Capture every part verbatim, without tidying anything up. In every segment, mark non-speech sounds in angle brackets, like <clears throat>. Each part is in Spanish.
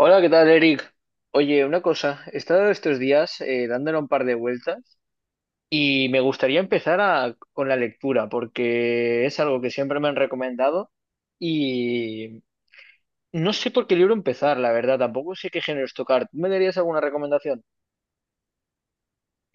Hola, ¿qué tal, Eric? Oye, una cosa, he estado estos días eh, dándole un par de vueltas y me gustaría empezar a- con la lectura porque es algo que siempre me han recomendado y no sé por qué libro empezar, la verdad, tampoco sé qué géneros tocar. ¿Tú me darías alguna recomendación?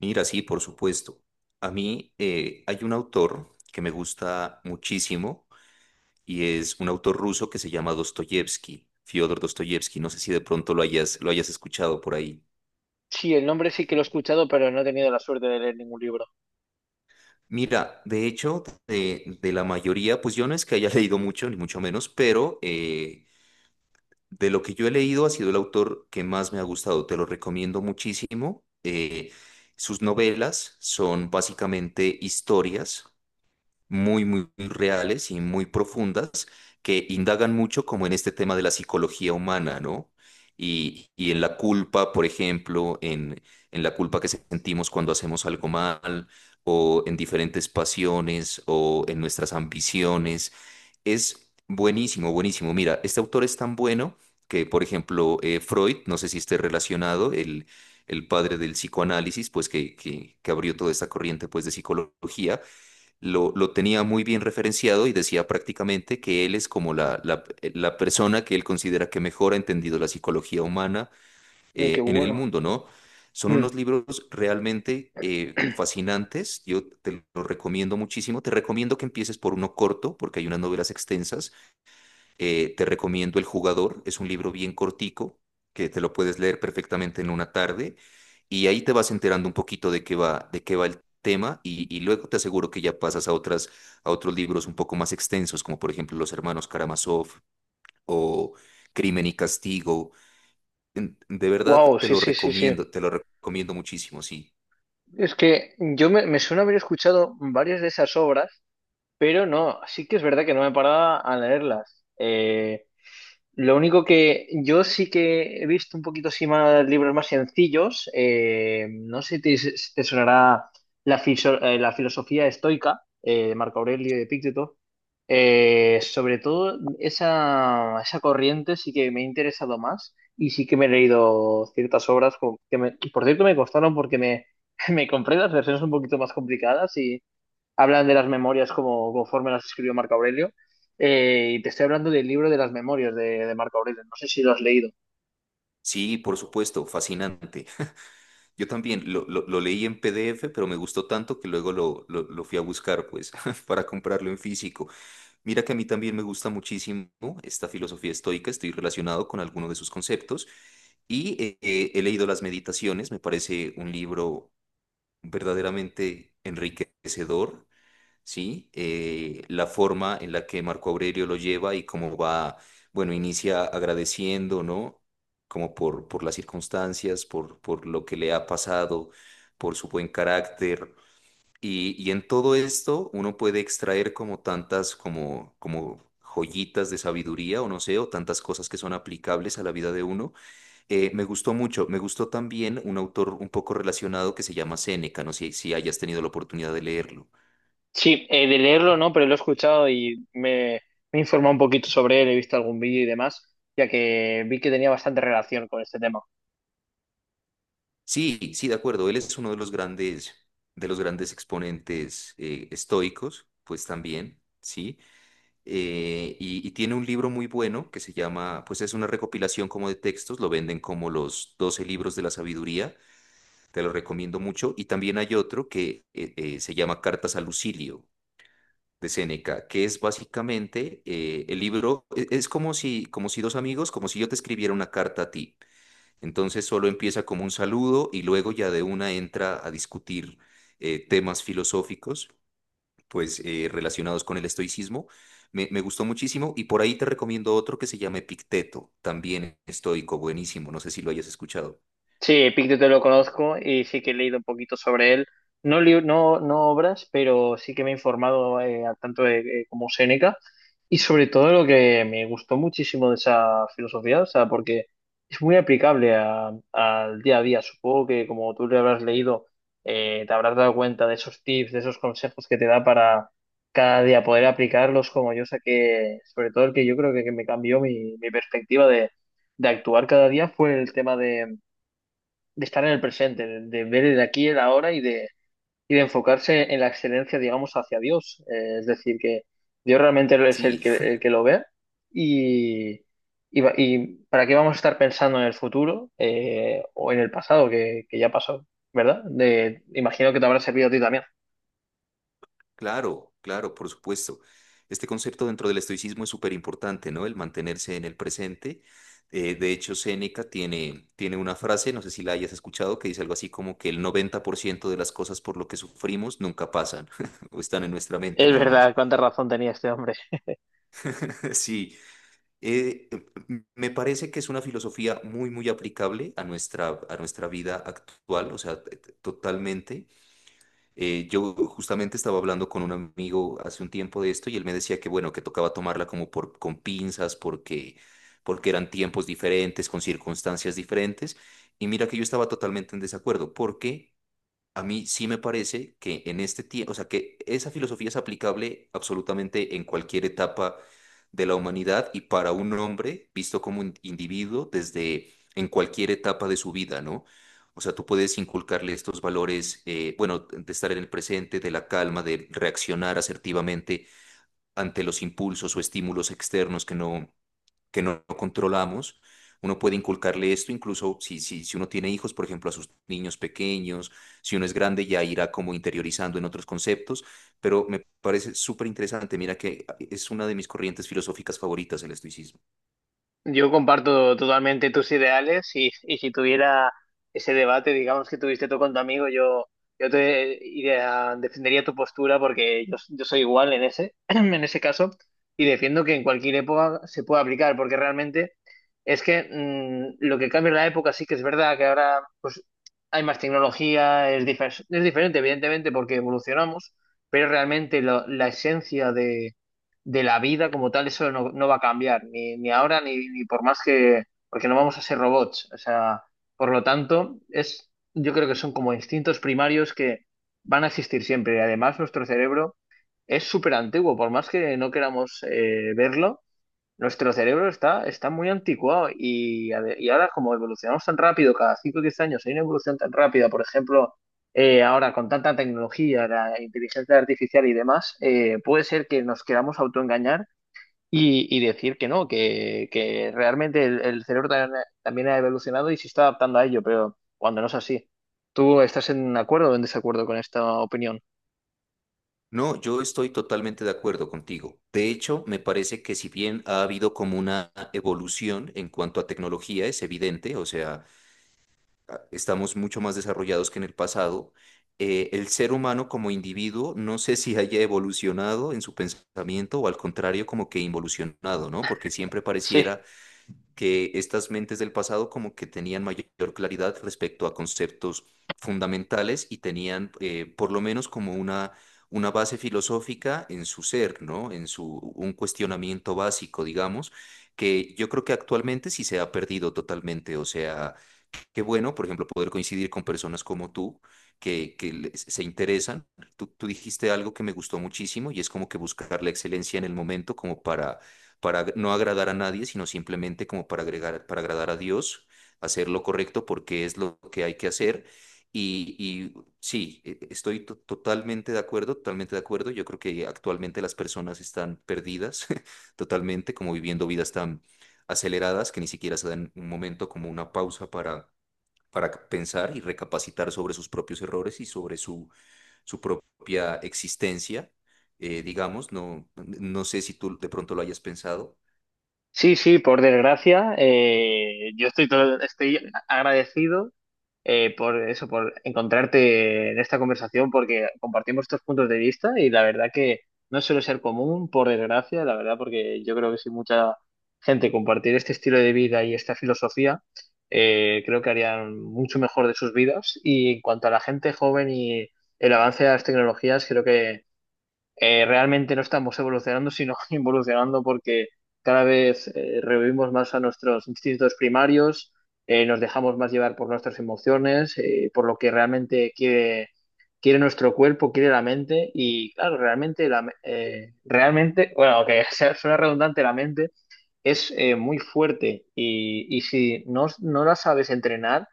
Mira, sí, por supuesto. A mí eh, hay un autor que me gusta muchísimo y es un autor ruso que se llama Dostoyevsky, Fyodor Dostoyevsky. No sé si de pronto lo hayas, lo hayas escuchado por ahí. Sí, el nombre sí que lo he escuchado, pero no he tenido la suerte de leer ningún libro. Mira, de hecho, de, de la mayoría, pues yo no es que haya <laughs> leído mucho, ni mucho menos, pero eh, de lo que yo he leído ha sido el autor que más me ha gustado. Te lo recomiendo muchísimo. Eh, sus novelas son básicamente historias muy, muy reales y muy profundas que indagan mucho como en este tema de la psicología humana, ¿no? Y, y en la culpa, por ejemplo, en, en la culpa que sentimos cuando hacemos algo mal, o en diferentes pasiones, o en nuestras ambiciones. Es buenísimo, buenísimo. Mira, este autor es tan bueno que, por ejemplo, eh, Freud, no sé si esté relacionado, el, el padre del psicoanálisis, pues que, que, que abrió toda esta corriente pues, de psicología lo, lo tenía muy bien referenciado y decía prácticamente que él es como la, la- eh, la persona que él considera que mejor ha entendido la psicología humana Mm, qué eh, en el bueno. mundo, ¿no? Son unos libros realmente eh, fascinantes. Yo te los recomiendo muchísimo, te recomiendo que empieces por uno corto, porque hay unas novelas extensas. Eh, te recomiendo El Jugador, es un libro bien cortico que te lo puedes leer perfectamente en una tarde y ahí te vas enterando un poquito de qué va, de qué va el tema y, y luego te aseguro que ya pasas a otras, a otros libros un poco más extensos, como por ejemplo Los Hermanos Karamazov o Crimen y Castigo. En- De verdad Wow, <clears throat> te sí, lo sí, sí, sí. recomiendo, te lo recomiendo muchísimo, sí. Es que yo me, me suena haber escuchado varias de esas obras. Pero no, sí que es verdad que no me paraba a leerlas. Eh, lo único que yo sí que he visto un poquito así más libros más sencillos. Eh, no sé si te, si te sonará la, fiso- eh, la filosofía estoica eh, de Marco Aurelio y de Epicteto. Eh, sobre todo esa, esa corriente sí que me ha interesado más y sí que me he leído ciertas obras como- que, me- que por cierto, me costaron porque me, <laughs> me compré las versiones un poquito más complicadas, hablan de las memorias como conforme las escribió Marco Aurelio. Eh, y te estoy hablando del libro de las memorias de, de Marco Aurelio. No sé si lo has leído. Sí, por supuesto, fascinante. Yo también lo, lo, lo leí en P D F, pero me gustó tanto que luego lo, lo, lo fui a buscar, pues, <laughs> para comprarlo en físico. Mira que a mí también me gusta muchísimo esta filosofía estoica, estoy relacionado con alguno de sus conceptos y eh, eh, he leído Las Meditaciones, me parece un libro verdaderamente enriquecedor, ¿sí? Eh, la forma en la que Marco Aurelio lo lleva y cómo va, bueno, inicia agradeciendo, ¿no? Como por, por las circunstancias, por, por lo que le ha pasado, por su buen carácter. Y, y en todo esto uno puede extraer como tantas, como, como joyitas de sabiduría o no sé, o tantas cosas que son aplicables a la vida de uno. Eh, me gustó mucho, me gustó también un autor un poco relacionado que se llama Séneca, no sé si hayas tenido la oportunidad de leerlo. Sí, eh, de leerlo no, pero lo he escuchado y me, me he informado un poquito sobre él, he visto algún vídeo y demás, ya que vi que tenía bastante relación con este tema. Sí, sí, de acuerdo. Él es uno de los grandes, de los grandes exponentes eh, estoicos, pues también, sí. Eh, y, y tiene un libro muy bueno que se llama, pues es una recopilación como de textos, lo venden como los doce libros de la sabiduría, te lo recomiendo mucho. Y también hay otro que eh, eh, se llama Cartas a Lucilio de Séneca, que es básicamente eh, el libro, e- es como si, como si dos amigos, como si yo te escribiera una carta a ti. Entonces solo empieza como un saludo y luego ya de una entra a discutir eh, temas filosóficos, pues eh, relacionados con el estoicismo. Me, me gustó muchísimo y por ahí te recomiendo otro que se llama Epicteto, también estoico, buenísimo, no sé si lo hayas escuchado. Sí, Epicteto lo conozco y sí que he leído un poquito sobre él. No, li- no, no obras, pero sí que me he informado eh, a tanto de, eh, como Séneca. Y sobre todo lo que me gustó muchísimo de esa filosofía, o sea, porque es muy aplicable a- al día a día. Supongo que como tú le habrás leído, eh, te habrás dado cuenta de esos tips, de esos consejos que te da para cada día poder aplicarlos como yo saqué, sobre todo el que yo creo que, que me cambió mi, mi perspectiva de, de actuar cada día fue el tema de estar en el presente, de, ver el aquí y el ahora y de, y de enfocarse en la excelencia, digamos, hacia Dios. Eh, es decir, que Dios realmente es el Sí, que, el que lo ve y, y, va- y para qué vamos a estar pensando en el futuro eh, o en el pasado que, que ya pasó, ¿verdad? De, imagino que te habrá servido a ti también. claro, claro, por supuesto. Este concepto dentro del estoicismo es súper importante, ¿no? El mantenerse en el presente. Eh, de hecho, Séneca tiene, tiene una frase, no sé si la hayas escuchado, que dice algo así como que el noventa por ciento de las cosas por lo que sufrimos nunca pasan <laughs> o están en nuestra mente Es nada más. verdad, cuánta razón tenía este hombre. <laughs> Sí, eh, m- me parece que es una filosofía muy, muy aplicable a nuestra, a nuestra vida actual, o sea, t- t- totalmente. Eh, yo justamente estaba hablando con un amigo hace un tiempo de esto y él me decía que bueno, que tocaba tomarla como por con pinzas porque porque eran tiempos diferentes, con circunstancias diferentes. Y mira que yo estaba totalmente en desacuerdo, porque a mí sí me parece que en este tiempo, o sea, que esa filosofía es aplicable absolutamente en cualquier etapa de la humanidad y para un hombre visto como un individuo desde en cualquier etapa de su vida, ¿no? O sea, tú puedes inculcarle estos valores, eh, bueno, de estar en el presente, de la calma, de reaccionar asertivamente ante los impulsos o estímulos externos que no que no controlamos. Uno puede inculcarle esto, incluso si, si, si uno tiene hijos, por ejemplo, a sus niños pequeños, si uno es grande ya irá como interiorizando en otros conceptos, pero me parece súper interesante. Mira que es una de mis corrientes filosóficas favoritas el estoicismo. Yo comparto totalmente tus ideales y, y si tuviera ese debate, digamos que tuviste tú con tu amigo, yo, yo te iría- defendería tu postura porque yo, yo soy igual en ese, <clears throat> en ese caso y defiendo que en cualquier época se puede aplicar porque realmente es que mm, lo que cambia en la época sí que es verdad que ahora pues, hay más tecnología, es, difer- es diferente evidentemente porque evolucionamos, pero realmente lo- la esencia de la vida como tal, eso no, no va a cambiar, ni, ni ahora ni, ni por más que, porque no vamos a ser robots. O sea, por lo tanto, es, yo creo que son como instintos primarios que van a existir siempre. Y además, nuestro cerebro es súper antiguo, por más que no queramos eh, verlo, nuestro cerebro está, está muy anticuado. Y, a ver, y ahora, como evolucionamos tan rápido, cada cinco o diez años hay una evolución tan rápida, por ejemplo, eh, ahora con tanta tecnología, la inteligencia artificial y demás, eh, puede ser que nos queramos autoengañar y, y decir que no, que, que realmente el, el cerebro ta- también ha evolucionado y se está adaptando a ello, pero cuando no es así. ¿Tú estás en acuerdo o en desacuerdo con esta opinión? No, yo estoy totalmente de acuerdo contigo. De hecho, me parece que si bien ha habido como una evolución en cuanto a tecnología, es evidente, o sea, estamos mucho más desarrollados que en el pasado. Eh, el ser humano como individuo, no sé si haya evolucionado en su pensamiento o al contrario, como que involucionado, ¿no? Porque siempre Sí, pareciera que estas mentes del pasado como que tenían mayor claridad respecto a conceptos fundamentales y tenían eh, por lo menos como una, una base filosófica en su ser, ¿no? En su, un cuestionamiento básico, digamos, que yo creo que actualmente sí se ha perdido totalmente, o sea. Qué bueno, por ejemplo, poder coincidir con personas como tú que, que les- se interesan. Tú, tú dijiste algo que me gustó muchísimo y es como que buscar la excelencia en el momento como para, para ag- no agradar a nadie, sino simplemente como para agregar, para agradar a Dios, hacer lo correcto porque es lo que hay que hacer. Y, y sí, e- estoy to- totalmente de acuerdo, totalmente de acuerdo. Yo creo que actualmente las personas están perdidas <laughs> totalmente, como viviendo vidas tan aceleradas que ni siquiera se dan un momento como una pausa para para pensar y recapacitar sobre sus propios errores y sobre su, su propia existencia, eh, digamos, no, no sé si tú de pronto lo hayas pensado. sí, sí, por desgracia, eh, yo estoy, todo- estoy agradecido eh, por eso, por encontrarte en esta conversación, porque compartimos estos puntos de vista y la verdad que no suele ser común, por desgracia, la verdad, porque yo creo que si mucha gente compartir este estilo de vida y esta filosofía, eh, creo que harían mucho mejor de sus vidas. Y en cuanto a la gente joven y el avance de las tecnologías, creo que eh, realmente no estamos evolucionando, sino <laughs> involucionando porque cada vez eh, revivimos más a nuestros instintos primarios, eh, nos dejamos más llevar por nuestras emociones, eh, por lo que realmente quiere, quiere nuestro cuerpo, quiere la mente y claro, realmente, la, me- eh, realmente, bueno, aunque <laughs> sea, suena redundante, la mente es eh, muy fuerte y, y si no, no la sabes entrenar,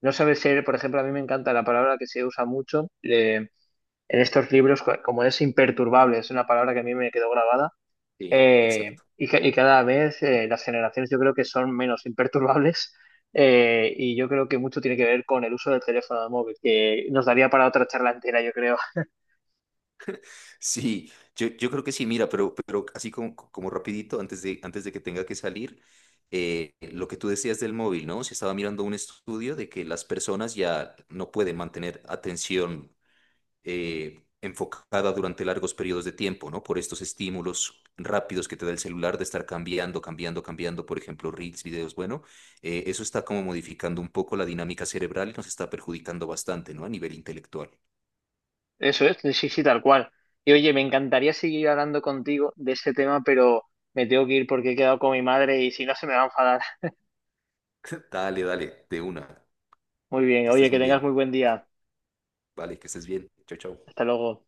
no sabes ser, por ejemplo, a mí me encanta la palabra que se usa mucho. Eh, en estos libros, co- como es imperturbable, es una palabra que a mí me quedó grabada, Sí, eh, exacto. y, ca- y cada vez eh, las generaciones yo creo que son menos imperturbables, eh, y yo creo que mucho tiene que ver con el uso del teléfono móvil, que nos daría para otra charla entera, yo creo. <laughs> Sí, yo, yo creo que sí, mira, pero, pero así como, como rapidito, antes de, antes de que tenga que salir, eh, lo que tú decías del móvil, ¿no? Se estaba mirando un estudio de que las personas ya no pueden mantener atención eh, enfocada durante largos periodos de tiempo, ¿no? Por estos estímulos rápidos que te da el celular de estar cambiando, cambiando, cambiando, por ejemplo, reels, videos, bueno, eh, eso está como modificando un poco la dinámica cerebral y nos está perjudicando bastante, ¿no? A nivel intelectual. Eso es, sí, sí, tal cual. Y oye, me encantaría seguir hablando contigo de este tema, pero me tengo que ir porque he quedado con mi madre y si no se me va a enfadar. <laughs> <laughs> Dale, dale, de una. Muy bien, Que oye, estés que muy tengas muy bien. buen día. Vale, que estés bien. Chao, Hasta chao. luego.